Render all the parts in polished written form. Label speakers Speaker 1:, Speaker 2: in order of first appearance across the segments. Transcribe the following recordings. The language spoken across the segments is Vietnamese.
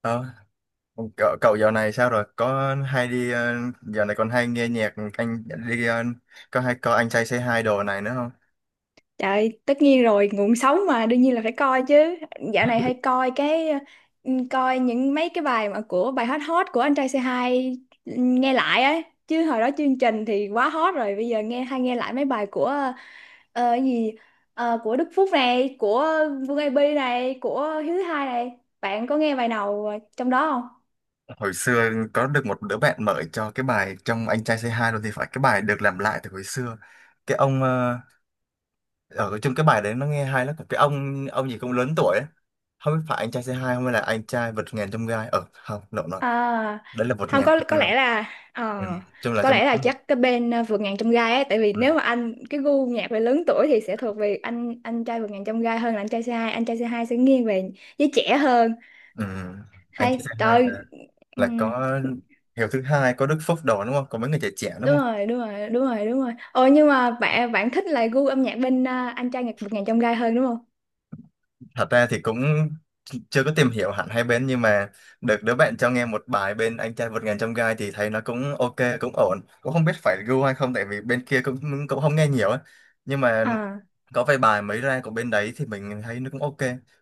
Speaker 1: Ờ, cậu dạo này sao rồi? Có hay đi dạo này còn hay nghe nhạc anh đi có hay có anh trai Say Hi đồ này nữa không?
Speaker 2: Trời, tất nhiên rồi, nguồn sống mà đương nhiên là phải coi chứ. Dạo này hay coi cái coi những mấy cái bài mà của bài hot hot của anh trai c hai nghe lại ấy. Chứ hồi đó chương trình thì quá hot rồi, bây giờ nghe hay nghe lại mấy bài của cái gì. Của Đức Phúc này, của Vương AB này, của Hiếu Thứ Hai này. Bạn có nghe bài nào trong đó không?
Speaker 1: Hồi xưa có được một đứa bạn mở cho cái bài trong anh trai Say Hi rồi thì phải cái bài được làm lại từ hồi xưa. Cái ông ở trong cái bài đấy nó nghe hay lắm. Cái ông gì cũng lớn tuổi ấy. Không biết phải anh trai Say Hi không hay là anh trai vượt ngàn chông gai. Ờ không, lộn rồi.
Speaker 2: À,
Speaker 1: Đấy là vượt
Speaker 2: không,
Speaker 1: ngàn
Speaker 2: có
Speaker 1: chông gai.
Speaker 2: lẽ là
Speaker 1: Ừ. Chung là
Speaker 2: có
Speaker 1: trong
Speaker 2: lẽ là
Speaker 1: số một.
Speaker 2: chắc cái bên vượt ngàn trong gai ấy, tại vì
Speaker 1: Ừ.
Speaker 2: nếu mà anh cái gu nhạc về lớn tuổi thì sẽ thuộc về anh trai vượt ngàn trong gai hơn là anh trai c hai sẽ nghiêng về giới trẻ hơn,
Speaker 1: Ừ. Anh trai
Speaker 2: hay
Speaker 1: Say Hi
Speaker 2: trời.
Speaker 1: là
Speaker 2: ừm,
Speaker 1: có Hiếu thứ hai có Đức Phúc đồ đúng không? Có mấy người trẻ trẻ đúng
Speaker 2: Đúng
Speaker 1: không?
Speaker 2: rồi, đúng rồi, đúng rồi, đúng rồi. Ồ, nhưng mà bạn bạn thích là gu âm nhạc bên anh trai nhạc vượt ngàn trong gai hơn đúng không?
Speaker 1: Thật ra thì cũng chưa có tìm hiểu hẳn hai bên, nhưng mà được đứa bạn cho nghe một bài bên anh trai vượt ngàn chông gai thì thấy nó cũng ok, cũng ổn, cũng không biết phải gu hay không, tại vì bên kia cũng cũng không nghe nhiều á. Nhưng mà
Speaker 2: À,
Speaker 1: có vài bài mới ra của bên đấy thì mình thấy nó cũng ok,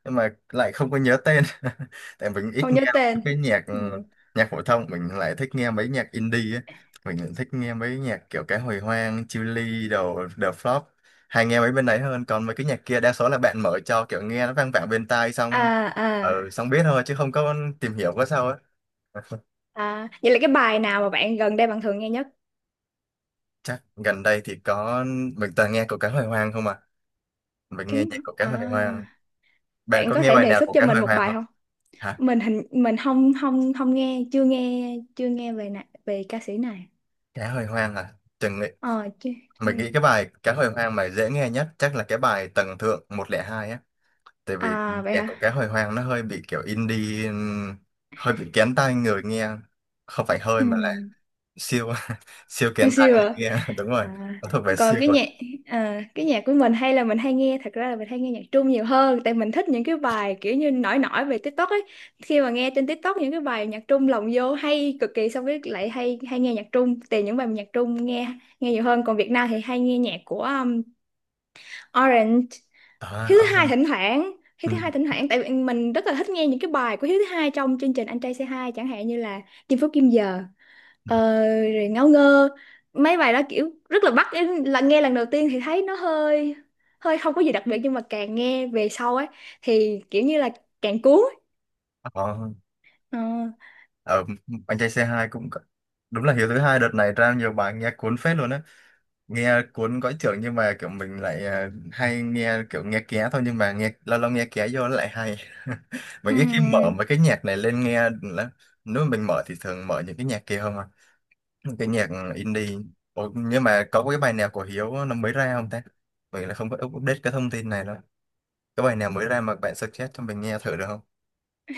Speaker 1: nhưng mà lại không có nhớ tên tại mình ít
Speaker 2: không nhớ
Speaker 1: nghe
Speaker 2: tên.
Speaker 1: cái nhạc,
Speaker 2: Ừ.
Speaker 1: nhạc phổ thông. Mình lại thích nghe mấy nhạc indie ấy. Mình lại thích nghe mấy nhạc kiểu cái hồi hoang, Chillies đồ, The Flop, hay nghe mấy bên đấy hơn. Còn mấy cái nhạc kia đa số là bạn mở cho, kiểu nghe nó vang vẳng bên tai xong
Speaker 2: À, à,
Speaker 1: xong biết thôi, chứ không có tìm hiểu có sao ấy.
Speaker 2: à, vậy là cái bài nào mà bạn gần đây bạn thường nghe nhất?
Speaker 1: Chắc gần đây thì có, mình toàn nghe của cái hồi hoang không à. Mình
Speaker 2: Cái
Speaker 1: nghe nhạc của cái
Speaker 2: à.
Speaker 1: hồi hoang. Bạn
Speaker 2: Bạn
Speaker 1: có
Speaker 2: có
Speaker 1: nghe
Speaker 2: thể
Speaker 1: bài
Speaker 2: đề
Speaker 1: nào
Speaker 2: xuất
Speaker 1: của
Speaker 2: cho
Speaker 1: cái
Speaker 2: mình
Speaker 1: hồi
Speaker 2: một
Speaker 1: hoang
Speaker 2: bài
Speaker 1: không?
Speaker 2: không? Mình không không không nghe, chưa nghe, về ca sĩ này.
Speaker 1: Cá hồi hoang à? Chừng nghĩ,
Speaker 2: Ờ Chưa, chưa
Speaker 1: mình
Speaker 2: nghe.
Speaker 1: nghĩ cái bài cá hồi hoang mà dễ nghe nhất chắc là cái bài Tầng Thượng một không hai á. Tại vì ừ,
Speaker 2: À vậy
Speaker 1: nhạc của cá
Speaker 2: hả?
Speaker 1: hồi hoang nó hơi bị kiểu indie, hơi bị kén tai người nghe. Không phải hơi
Speaker 2: Ừ.
Speaker 1: mà là siêu siêu kén tai
Speaker 2: Siêu
Speaker 1: người
Speaker 2: à.
Speaker 1: nghe. Đúng rồi,
Speaker 2: À,
Speaker 1: nó thuộc về
Speaker 2: còn
Speaker 1: siêu rồi.
Speaker 2: cái nhạc của mình hay là mình hay nghe, thật ra là mình hay nghe nhạc Trung nhiều hơn tại mình thích những cái bài kiểu như nổi nổi về TikTok ấy. Khi mà nghe trên TikTok những cái bài nhạc Trung lồng vô hay cực kỳ, xong cái lại hay hay nghe nhạc Trung, tìm những bài nhạc Trung nghe nghe nhiều hơn. Còn Việt Nam thì hay nghe nhạc của Orange,
Speaker 1: À,
Speaker 2: Hiếu thứ
Speaker 1: à,
Speaker 2: hai thỉnh thoảng Hiếu
Speaker 1: ừ,
Speaker 2: thứ hai thỉnh thoảng tại vì mình rất là thích nghe những cái bài của Hiếu thứ hai trong chương trình Anh trai Say Hi, chẳng hạn như là Chinh Phú Kim Giờ, ờ, rồi Ngáo Ngơ. Mấy bài đó kiểu rất là bắt, là nghe lần đầu tiên thì thấy nó hơi, hơi không có gì đặc biệt, nhưng mà càng nghe về sau ấy thì kiểu như là càng cuốn.
Speaker 1: ờ,
Speaker 2: Ờ.
Speaker 1: ờ, anh trai c hai cũng có- đúng là hiếu thứ hai đợt này ra nhiều bài nghe cuốn phết luôn á. Nghe cuốn cõi trưởng nhưng mà kiểu mình lại hay nghe kiểu nghe ké thôi, nhưng mà nghe lâu lâu nghe ké vô nó lại hay. Mình ít khi mở
Speaker 2: Ừm.
Speaker 1: mấy cái nhạc này lên nghe lắm, nếu mà mình mở thì thường mở những cái nhạc kia không à, những cái nhạc indie. Ủa, nhưng mà có cái bài nào của Hiếu nó mới ra không ta? Mình là không có update cái thông tin này đâu. Cái bài nào mới ra mà bạn suggest cho mình nghe thử được không?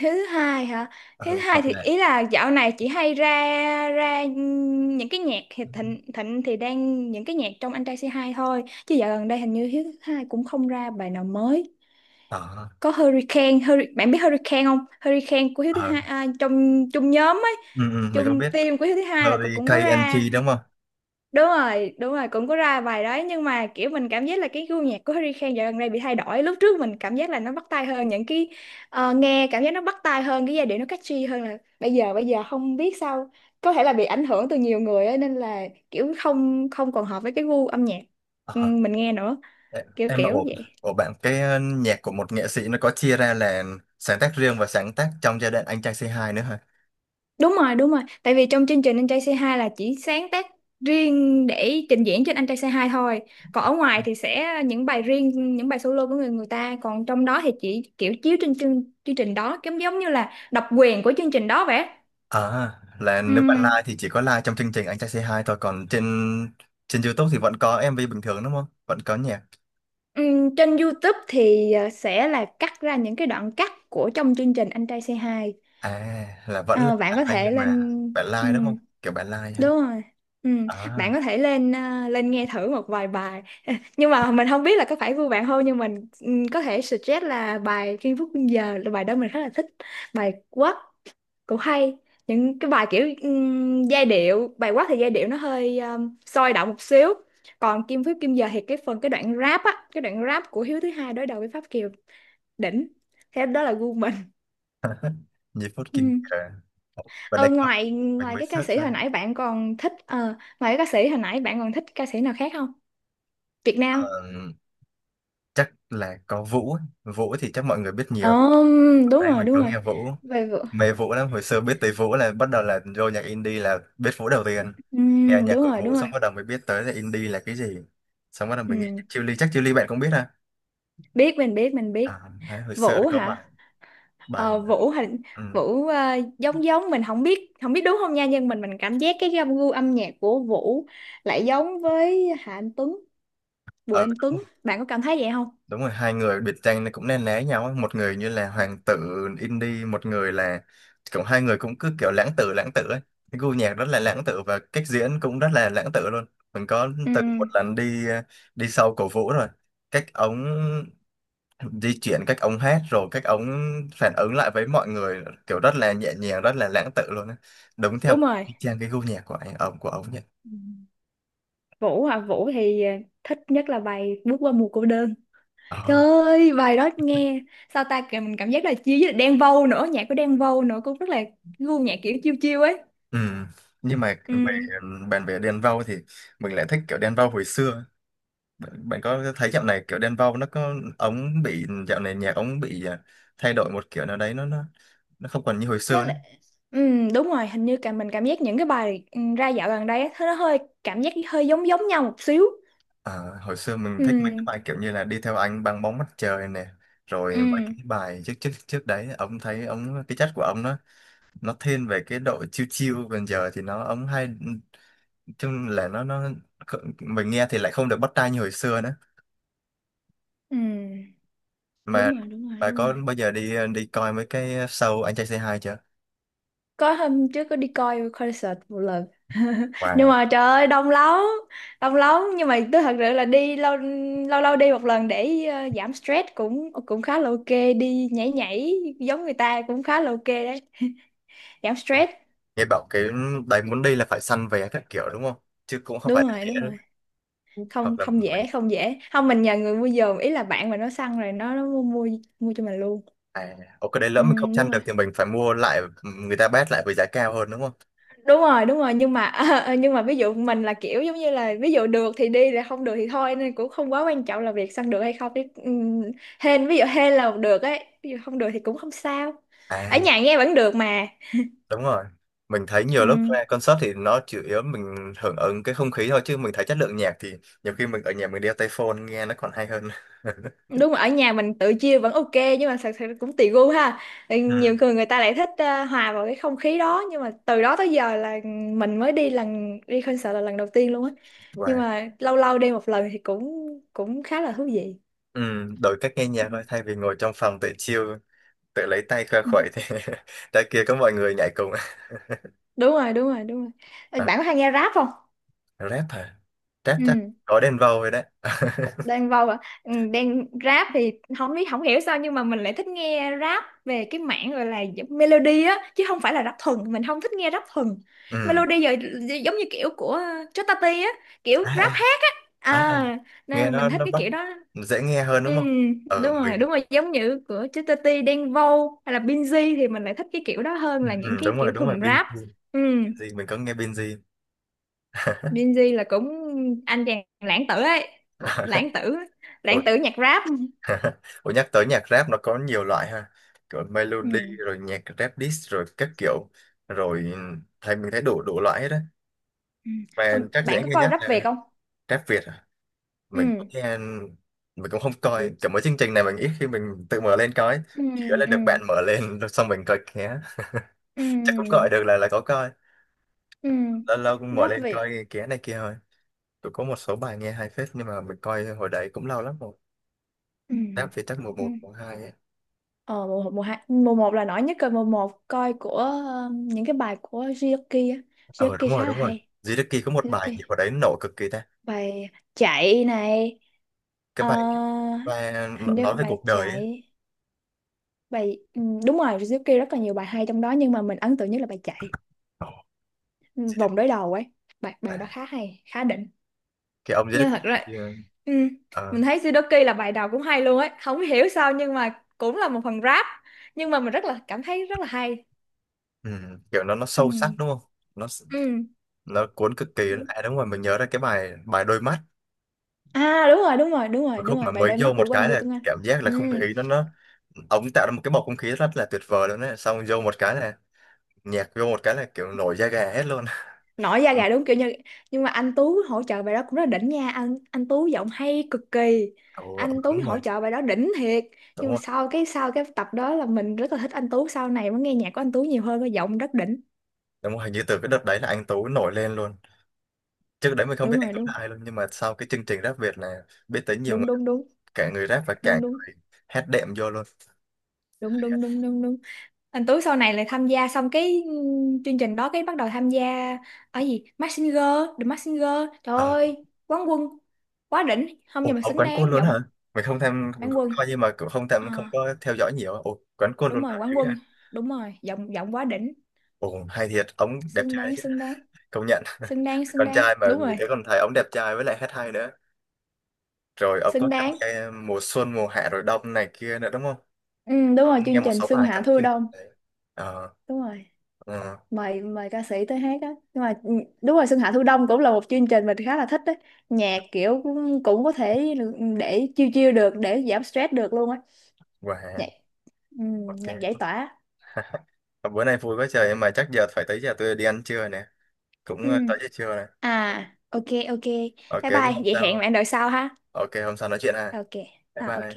Speaker 2: Thứ hai hả? Thứ
Speaker 1: Ừ,
Speaker 2: hai
Speaker 1: hợp
Speaker 2: thì
Speaker 1: lệ.
Speaker 2: ý là dạo này chị hay ra, ra những cái nhạc thì thịnh, thịnh thì đang những cái nhạc trong anh trai C2 thôi, chứ dạo gần đây hình như hiếu thứ hai cũng không ra bài nào mới.
Speaker 1: ờ
Speaker 2: Có Hurricane, Hurri-, bạn biết Hurricane không? Hurricane của hiếu thứ
Speaker 1: ờ
Speaker 2: hai, à, trong chung nhóm ấy,
Speaker 1: ừ, mình không
Speaker 2: chung
Speaker 1: biết.
Speaker 2: team của hiếu thứ hai, là cũng cũng có
Speaker 1: Hurricane
Speaker 2: ra.
Speaker 1: NG đúng không?
Speaker 2: Đúng rồi, đúng rồi, cũng có ra bài đấy, nhưng mà kiểu mình cảm giác là cái gu nhạc của Harry Khan dạo gần đây bị thay đổi. Lúc trước mình cảm giác là nó bắt tai hơn những cái, nghe cảm giác nó bắt tai hơn, cái giai điệu nó catchy hơn là bây giờ. Không biết sao, có thể là bị ảnh hưởng từ nhiều người ấy, nên là kiểu không không còn hợp với cái gu âm nhạc, ừ,
Speaker 1: Ờ.
Speaker 2: mình nghe nữa.
Speaker 1: Ê,
Speaker 2: Kiểu
Speaker 1: em ạ,
Speaker 2: kiểu
Speaker 1: ủa,
Speaker 2: vậy.
Speaker 1: ủa bạn cái nhạc của một nghệ sĩ nó có chia ra là sáng tác riêng và sáng tác trong giai đoạn Anh Trai C2 nữa hả?
Speaker 2: Đúng rồi, đúng rồi. Tại vì trong chương trình Anh Trai Say Hi là chỉ sáng tác riêng để trình diễn trên Anh Trai Say Hi thôi. Còn ở ngoài thì sẽ những bài riêng, những bài solo của người người ta. Còn trong đó thì chỉ kiểu chiếu trên chương trình đó, giống giống như là độc quyền của chương trình đó vậy.
Speaker 1: À, là nếu bạn
Speaker 2: Ừm,
Speaker 1: live thì chỉ có live trong chương trình Anh Trai C2 thôi, còn trên trên YouTube thì vẫn có em MV bình thường đúng không? Vẫn có nhạc.
Speaker 2: Trên YouTube thì sẽ là cắt ra những cái đoạn cắt của trong chương trình Anh Trai Say Hi.
Speaker 1: À, là vẫn là
Speaker 2: Ờ, bạn có
Speaker 1: live, nhưng
Speaker 2: thể lên.
Speaker 1: mà bạn live đúng không? Kiểu bạn live ha.
Speaker 2: Đúng rồi. Ừ.
Speaker 1: À,
Speaker 2: Bạn có thể lên lên nghe thử một vài bài nhưng mà mình không biết là có phải gu bạn không, nhưng mình, ừ, có thể suggest là bài Kim Phúc Quân Giờ, là bài đó mình khá là thích. Bài Quát cũng hay, những cái bài kiểu, giai điệu bài Quát thì giai điệu nó hơi sôi động một xíu. Còn Kim Phúc Kim Giờ thì cái đoạn rap của Hiếu thứ hai đối đầu với Pháp Kiều, đỉnh. Thế đó là gu mình.
Speaker 1: như Phút
Speaker 2: Ừ.
Speaker 1: Kim Cờ. Và
Speaker 2: Ờ,
Speaker 1: đây có,
Speaker 2: ngoài
Speaker 1: mình
Speaker 2: ngoài
Speaker 1: mới
Speaker 2: cái ca
Speaker 1: search
Speaker 2: sĩ hồi
Speaker 1: ra.
Speaker 2: nãy bạn còn thích, ngoài cái ca sĩ hồi nãy bạn còn thích ca sĩ nào khác không? Việt Nam.
Speaker 1: Ờ, chắc là có Vũ ấy. Vũ thì chắc mọi người biết
Speaker 2: Ờ,
Speaker 1: nhiều
Speaker 2: đúng
Speaker 1: đấy.
Speaker 2: rồi,
Speaker 1: Mình
Speaker 2: đúng
Speaker 1: có
Speaker 2: rồi.
Speaker 1: nghe Vũ,
Speaker 2: Về Vũ.
Speaker 1: mê Vũ lắm. Hồi xưa biết tới Vũ là bắt đầu là vô nhạc indie, là biết Vũ đầu tiên. Nghe nhạc
Speaker 2: Đúng
Speaker 1: của
Speaker 2: rồi,
Speaker 1: Vũ
Speaker 2: đúng rồi.
Speaker 1: xong bắt đầu mới biết tới là indie là cái gì. Xong bắt đầu mình nghĩ
Speaker 2: Ừm,
Speaker 1: Chiêu Ly, chắc Chiêu Ly bạn cũng biết ha.
Speaker 2: Biết, mình biết, mình biết.
Speaker 1: À, đấy hồi xưa
Speaker 2: Vũ
Speaker 1: có bài,
Speaker 2: hả?
Speaker 1: bài
Speaker 2: Ờ,
Speaker 1: mà-
Speaker 2: Vũ hình.
Speaker 1: ừ.
Speaker 2: Vũ, giống giống mình không biết đúng không nha, nhưng mình cảm giác cái gu âm nhạc của Vũ lại giống với Hà Anh Tuấn, Bùi
Speaker 1: ờ,
Speaker 2: Anh Tuấn. Bạn có cảm thấy vậy không?
Speaker 1: đúng rồi, hai người biệt danh nó cũng nên né nhau ấy. Một người như là hoàng tử indie, một người là kiểu hai người cũng cứ kiểu lãng tử ấy. Cái gu nhạc rất là lãng tử và cách diễn cũng rất là lãng tử luôn. Mình có từng một
Speaker 2: Ừm,
Speaker 1: lần đi đi sau cổ Vũ rồi. Cách ống di chuyển, cách ông hát, rồi cách ông phản ứng lại với mọi người kiểu rất là nhẹ nhàng, rất là lãng tự luôn á. Đúng theo
Speaker 2: đúng rồi.
Speaker 1: y chang cái gu nhạc của anh ông của ông nhỉ.
Speaker 2: Vũ hả? Vũ thì thích nhất là bài Bước qua mùa cô đơn. Trời
Speaker 1: ờ
Speaker 2: ơi, bài đó nghe sao ta kìa, mình cảm giác là chia với Đen Vâu nữa, nhạc của Đen Vâu nữa cũng rất là gu nhạc kiểu chiêu chiêu ấy.
Speaker 1: ừ. Nhưng mà về
Speaker 2: Ừ,
Speaker 1: bàn về Đen Vâu thì mình lại thích kiểu Đen Vâu hồi xưa. Bạn, bạn có thấy dạo này kiểu Đen Vâu nó có ống bị, dạo này nhạc ống bị thay đổi một kiểu nào đấy, nó nó không còn như hồi
Speaker 2: nó
Speaker 1: xưa nữa.
Speaker 2: là ừ, đúng rồi, hình như cả mình cảm giác những cái bài, ra dạo gần đây á, nó hơi cảm giác hơi giống giống nhau một xíu.
Speaker 1: Ờ, hồi xưa mình thích
Speaker 2: Ừ,
Speaker 1: mấy cái bài kiểu như là đi theo anh băng bóng mặt trời nè,
Speaker 2: ừ,
Speaker 1: rồi mấy cái bài trước trước trước đấy ông thấy ông cái chất của ông nó thiên về cái độ chill chill, còn giờ thì nó ấm hay chung là nó mình nghe thì lại không được bắt tai như hồi xưa nữa.
Speaker 2: ừ,
Speaker 1: Mà
Speaker 2: đúng rồi, đúng rồi,
Speaker 1: bà
Speaker 2: đúng
Speaker 1: có
Speaker 2: rồi.
Speaker 1: bao giờ đi đi coi mấy cái show Anh Trai Say Hi chưa?
Speaker 2: Có hôm trước có đi coi concert một lần nhưng
Speaker 1: Wow.
Speaker 2: mà trời ơi đông lắm, đông lắm. Nhưng mà tôi thật sự là đi lâu lâu lâu đi một lần để giảm stress, cũng cũng khá là ok. Đi nhảy nhảy giống người ta cũng khá là ok đấy, giảm stress.
Speaker 1: Nghe bảo cái đấy muốn đi là phải săn vé các kiểu đúng không, chứ cũng không phải
Speaker 2: Đúng rồi,
Speaker 1: dễ
Speaker 2: đúng
Speaker 1: đâu.
Speaker 2: rồi. Không
Speaker 1: Hoặc là
Speaker 2: không
Speaker 1: mình.
Speaker 2: dễ, không dễ. Không, mình nhờ người mua giùm, ý là bạn mà nó săn rồi nó mua mua mua cho mình luôn.
Speaker 1: À ok, đấy lỡ
Speaker 2: Ừ,
Speaker 1: mình không săn
Speaker 2: đúng rồi,
Speaker 1: được thì mình phải mua lại người ta bét lại với giá cao hơn đúng không?
Speaker 2: đúng rồi, đúng rồi. Nhưng mà nhưng mà ví dụ mình là kiểu giống như là ví dụ được thì đi, là không được thì thôi, nên cũng không quá quan trọng là việc săn được hay không chứ. Hên, ví dụ hên là được ấy, ví dụ không được thì cũng không sao, ở
Speaker 1: À
Speaker 2: nhà nghe vẫn được mà.
Speaker 1: đúng rồi, mình thấy nhiều lúc
Speaker 2: Ừm,
Speaker 1: ra concert thì nó chủ yếu mình hưởng ứng cái không khí thôi, chứ mình thấy chất lượng nhạc thì nhiều khi mình ở nhà mình đeo tai phone nghe nó còn hay hơn.
Speaker 2: đúng rồi, ở nhà mình tự chia vẫn ok, nhưng mà thật sự cũng tùy gu ha. Ừ, nhiều
Speaker 1: Ừ.
Speaker 2: người người ta lại thích hòa vào cái không khí đó, nhưng mà từ đó tới giờ là mình mới đi lần đi concert là lần đầu tiên luôn á, nhưng
Speaker 1: Và
Speaker 2: mà lâu lâu đi một lần thì cũng cũng khá là thú vị.
Speaker 1: ừ, đổi cách nghe nhạc thôi, thay vì ngồi trong phòng tự chill, tự lấy tay khoe
Speaker 2: Ừ.
Speaker 1: khuẩy thì ra kia có mọi người nhảy cùng.
Speaker 2: Đúng rồi, đúng rồi, đúng rồi. Ờ,
Speaker 1: À,
Speaker 2: bạn có hay nghe rap không?
Speaker 1: rap hả? Rap chắc
Speaker 2: Ừ.
Speaker 1: có Đen Vâu rồi đấy.
Speaker 2: Đen Vâu à? Đen rap thì không biết không hiểu sao, nhưng mà mình lại thích nghe rap về cái mảng gọi là giống melody á, chứ không phải là rap thuần, mình không thích nghe rap thuần
Speaker 1: Ừ.
Speaker 2: melody giờ, giống như kiểu của Chutati á, kiểu
Speaker 1: à, à,
Speaker 2: rap hát.
Speaker 1: à.
Speaker 2: À,
Speaker 1: Nghe
Speaker 2: nên mình thích
Speaker 1: nó
Speaker 2: cái
Speaker 1: bắt,
Speaker 2: kiểu đó.
Speaker 1: dễ nghe hơn
Speaker 2: Ừ.
Speaker 1: đúng không? Ừ,
Speaker 2: Đúng
Speaker 1: mình.
Speaker 2: rồi, đúng rồi, giống như của Chutati, Đen Vâu hay là Binz thì mình lại thích cái kiểu đó hơn
Speaker 1: Ừ,
Speaker 2: là những
Speaker 1: Đúng
Speaker 2: cái
Speaker 1: rồi,
Speaker 2: kiểu
Speaker 1: đúng rồi.
Speaker 2: thuần
Speaker 1: Binz
Speaker 2: rap. Ừ.
Speaker 1: gì mình có nghe Binz gì.
Speaker 2: Gen Z là cũng anh chàng lãng tử ấy. Một lãng tử, lãng
Speaker 1: Ủa
Speaker 2: tử nhạc rap.
Speaker 1: ủa nhắc tới nhạc rap nó có nhiều loại ha. Kiểu
Speaker 2: Ừ.
Speaker 1: melody rồi nhạc rap diss rồi các kiểu. Rồi thấy mình thấy đủ đủ loại hết á.
Speaker 2: Ừ.
Speaker 1: Mà chắc
Speaker 2: Bạn
Speaker 1: dễ
Speaker 2: có
Speaker 1: nghe
Speaker 2: coi
Speaker 1: nhất
Speaker 2: rap Việt
Speaker 1: là
Speaker 2: không?
Speaker 1: rap Việt à.
Speaker 2: Ừ.
Speaker 1: Mình cũng nghe. Mình cũng không coi. Kiểu mấy chương trình này mình ít khi mình tự mở lên coi.
Speaker 2: Ừ.
Speaker 1: Chỉ là
Speaker 2: Ừ.
Speaker 1: được bạn mở lên xong mình coi ké. Chắc cũng gọi
Speaker 2: Ừ.
Speaker 1: được là có coi.
Speaker 2: Ừ.
Speaker 1: Lâu lâu cũng mở
Speaker 2: Rap
Speaker 1: lên
Speaker 2: Việt.
Speaker 1: coi ké này kia thôi. Cũng có một số bài nghe hay phết. Nhưng mà mình coi hồi đấy cũng lâu lắm rồi.
Speaker 2: Ừ.
Speaker 1: Rap Việt chắc mùa
Speaker 2: Ừ.
Speaker 1: một mùa hai ấy.
Speaker 2: ờ mùa mùa hai, mùa một là nổi nhất rồi. Mùa một coi của những cái bài của Jioki á,
Speaker 1: Ờ đúng
Speaker 2: Jioki
Speaker 1: rồi,
Speaker 2: khá là
Speaker 1: đúng rồi.
Speaker 2: hay.
Speaker 1: Duy Đức Kỳ có một bài
Speaker 2: Jioki
Speaker 1: gì hồi đấy nổ cực kỳ ta.
Speaker 2: bài chạy này.
Speaker 1: Cái
Speaker 2: Ờ,
Speaker 1: bài và nó-
Speaker 2: Hình như
Speaker 1: nói về
Speaker 2: bài
Speaker 1: cuộc đời ấy.
Speaker 2: chạy. Bài, đúng rồi, Suzuki rất là nhiều bài hay trong đó, nhưng mà mình ấn tượng nhất là bài chạy, ừ,
Speaker 1: Di Đức
Speaker 2: vòng đối đầu ấy, bài bài đó
Speaker 1: Bà.
Speaker 2: khá hay, khá đỉnh.
Speaker 1: Cái ông Di Đức
Speaker 2: Nhưng
Speaker 1: Bà
Speaker 2: thật ra
Speaker 1: kia,
Speaker 2: ừ,
Speaker 1: ờ,
Speaker 2: mình thấy Suzuki là bài đầu cũng hay luôn ấy, không hiểu sao nhưng mà cũng là một phần rap, nhưng mà mình rất là cảm thấy rất là hay.
Speaker 1: ừ, kiểu nó
Speaker 2: Ừ.
Speaker 1: sâu sắc đúng không, nó
Speaker 2: Ừ.
Speaker 1: nó cuốn cực kỳ. À đúng rồi, mình nhớ ra cái bài, bài đôi mắt.
Speaker 2: À, đúng rồi, đúng rồi, đúng
Speaker 1: Một
Speaker 2: rồi, đúng
Speaker 1: khúc
Speaker 2: rồi,
Speaker 1: mà
Speaker 2: bài
Speaker 1: mới
Speaker 2: Đôi
Speaker 1: vô
Speaker 2: mắt của
Speaker 1: một
Speaker 2: Quang
Speaker 1: cái
Speaker 2: Bi
Speaker 1: là
Speaker 2: Tuấn Anh.
Speaker 1: cảm giác là
Speaker 2: Ừ.
Speaker 1: không khí nó, ông tạo ra một cái bầu không khí rất là tuyệt vời luôn đấy, xong vô một cái là nhạc vô một cái là kiểu nổi da gà hết luôn.
Speaker 2: Nổi da
Speaker 1: ừ,
Speaker 2: gà đúng kiểu như, nhưng mà anh Tú hỗ trợ bài đó cũng rất là đỉnh nha, anh Tú giọng hay cực kỳ,
Speaker 1: ừ,
Speaker 2: anh Tú
Speaker 1: đúng rồi,
Speaker 2: hỗ trợ bài đó đỉnh thiệt. Nhưng
Speaker 1: đúng
Speaker 2: mà
Speaker 1: rồi,
Speaker 2: sau cái tập đó là mình rất là thích anh Tú, sau này mới nghe nhạc của anh Tú nhiều hơn, cái giọng rất đỉnh.
Speaker 1: đúng rồi, hình như từ cái đợt đấy là anh Tú nổi lên luôn. Trước đấy mình không biết
Speaker 2: Đúng
Speaker 1: anh
Speaker 2: rồi,
Speaker 1: Tú
Speaker 2: đúng,
Speaker 1: là ai luôn, nhưng mà sau cái chương trình Rap Việt này biết tới nhiều,
Speaker 2: đúng, đúng, đúng,
Speaker 1: cả người rap và cả
Speaker 2: đúng,
Speaker 1: người hát đệm vô luôn.
Speaker 2: đúng, đúng, đúng, đúng, đúng, đúng. Anh Tú sau này lại tham gia xong cái, chương trình đó cái bắt đầu tham gia ở gì, Mask Singer, The Mask Singer, trời
Speaker 1: Ờ,
Speaker 2: ơi, quán quân, quá đỉnh không,
Speaker 1: ồ
Speaker 2: nhưng mà
Speaker 1: ông
Speaker 2: xứng
Speaker 1: quán quân
Speaker 2: đáng
Speaker 1: luôn
Speaker 2: giọng
Speaker 1: hả? Mình không tham, mình
Speaker 2: quán
Speaker 1: cũng
Speaker 2: quân.
Speaker 1: coi nhưng mà cũng không tham, không
Speaker 2: À.
Speaker 1: có theo dõi nhiều. Ồ quán quân
Speaker 2: Đúng
Speaker 1: luôn
Speaker 2: rồi,
Speaker 1: hả,
Speaker 2: quán
Speaker 1: dữ vậy.
Speaker 2: quân. Đúng rồi, giọng giọng quá đỉnh.
Speaker 1: Ồ hay thiệt, ông đẹp
Speaker 2: Xứng
Speaker 1: trai đấy
Speaker 2: đáng,
Speaker 1: chứ.
Speaker 2: xứng đáng.
Speaker 1: Công nhận.
Speaker 2: Xứng đáng, xứng
Speaker 1: Con
Speaker 2: đáng,
Speaker 1: trai mà
Speaker 2: đúng
Speaker 1: mình
Speaker 2: rồi.
Speaker 1: thấy còn thấy ông đẹp trai với lại hát hay nữa. Rồi ông
Speaker 2: Xứng
Speaker 1: có tham
Speaker 2: đáng.
Speaker 1: gia mùa xuân mùa hạ rồi đông này kia nữa đúng không?
Speaker 2: Ừ, đúng
Speaker 1: Có
Speaker 2: rồi,
Speaker 1: nghe
Speaker 2: chương
Speaker 1: một
Speaker 2: trình
Speaker 1: số
Speaker 2: Xuân
Speaker 1: bài
Speaker 2: Hạ
Speaker 1: trong
Speaker 2: Thu
Speaker 1: chương trình
Speaker 2: Đông.
Speaker 1: đấy. ờ
Speaker 2: Đúng rồi,
Speaker 1: ờ,
Speaker 2: mời mời ca sĩ tới hát á. Nhưng mà đúng rồi, Xuân Hạ Thu Đông cũng là một chương trình mình khá là thích đấy, nhạc kiểu cũng có thể để chill chill được, để giảm stress được luôn á.
Speaker 1: wow.
Speaker 2: Nhạc, ừ, nhạc giải
Speaker 1: Ok.
Speaker 2: tỏa.
Speaker 1: Ờ, bữa nay vui quá trời, nhưng mà chắc giờ phải tới giờ tôi đi ăn trưa nè. Cũng
Speaker 2: Ừ.
Speaker 1: tới giờ trưa này.
Speaker 2: À ok. Ok.
Speaker 1: Ok
Speaker 2: Bye
Speaker 1: chứ
Speaker 2: bye
Speaker 1: không
Speaker 2: vậy, hẹn
Speaker 1: sao.
Speaker 2: bạn đợi sau ha.
Speaker 1: Ok, hôm sau nói chuyện ha.
Speaker 2: Ok.
Speaker 1: Bye
Speaker 2: À ok.
Speaker 1: bye.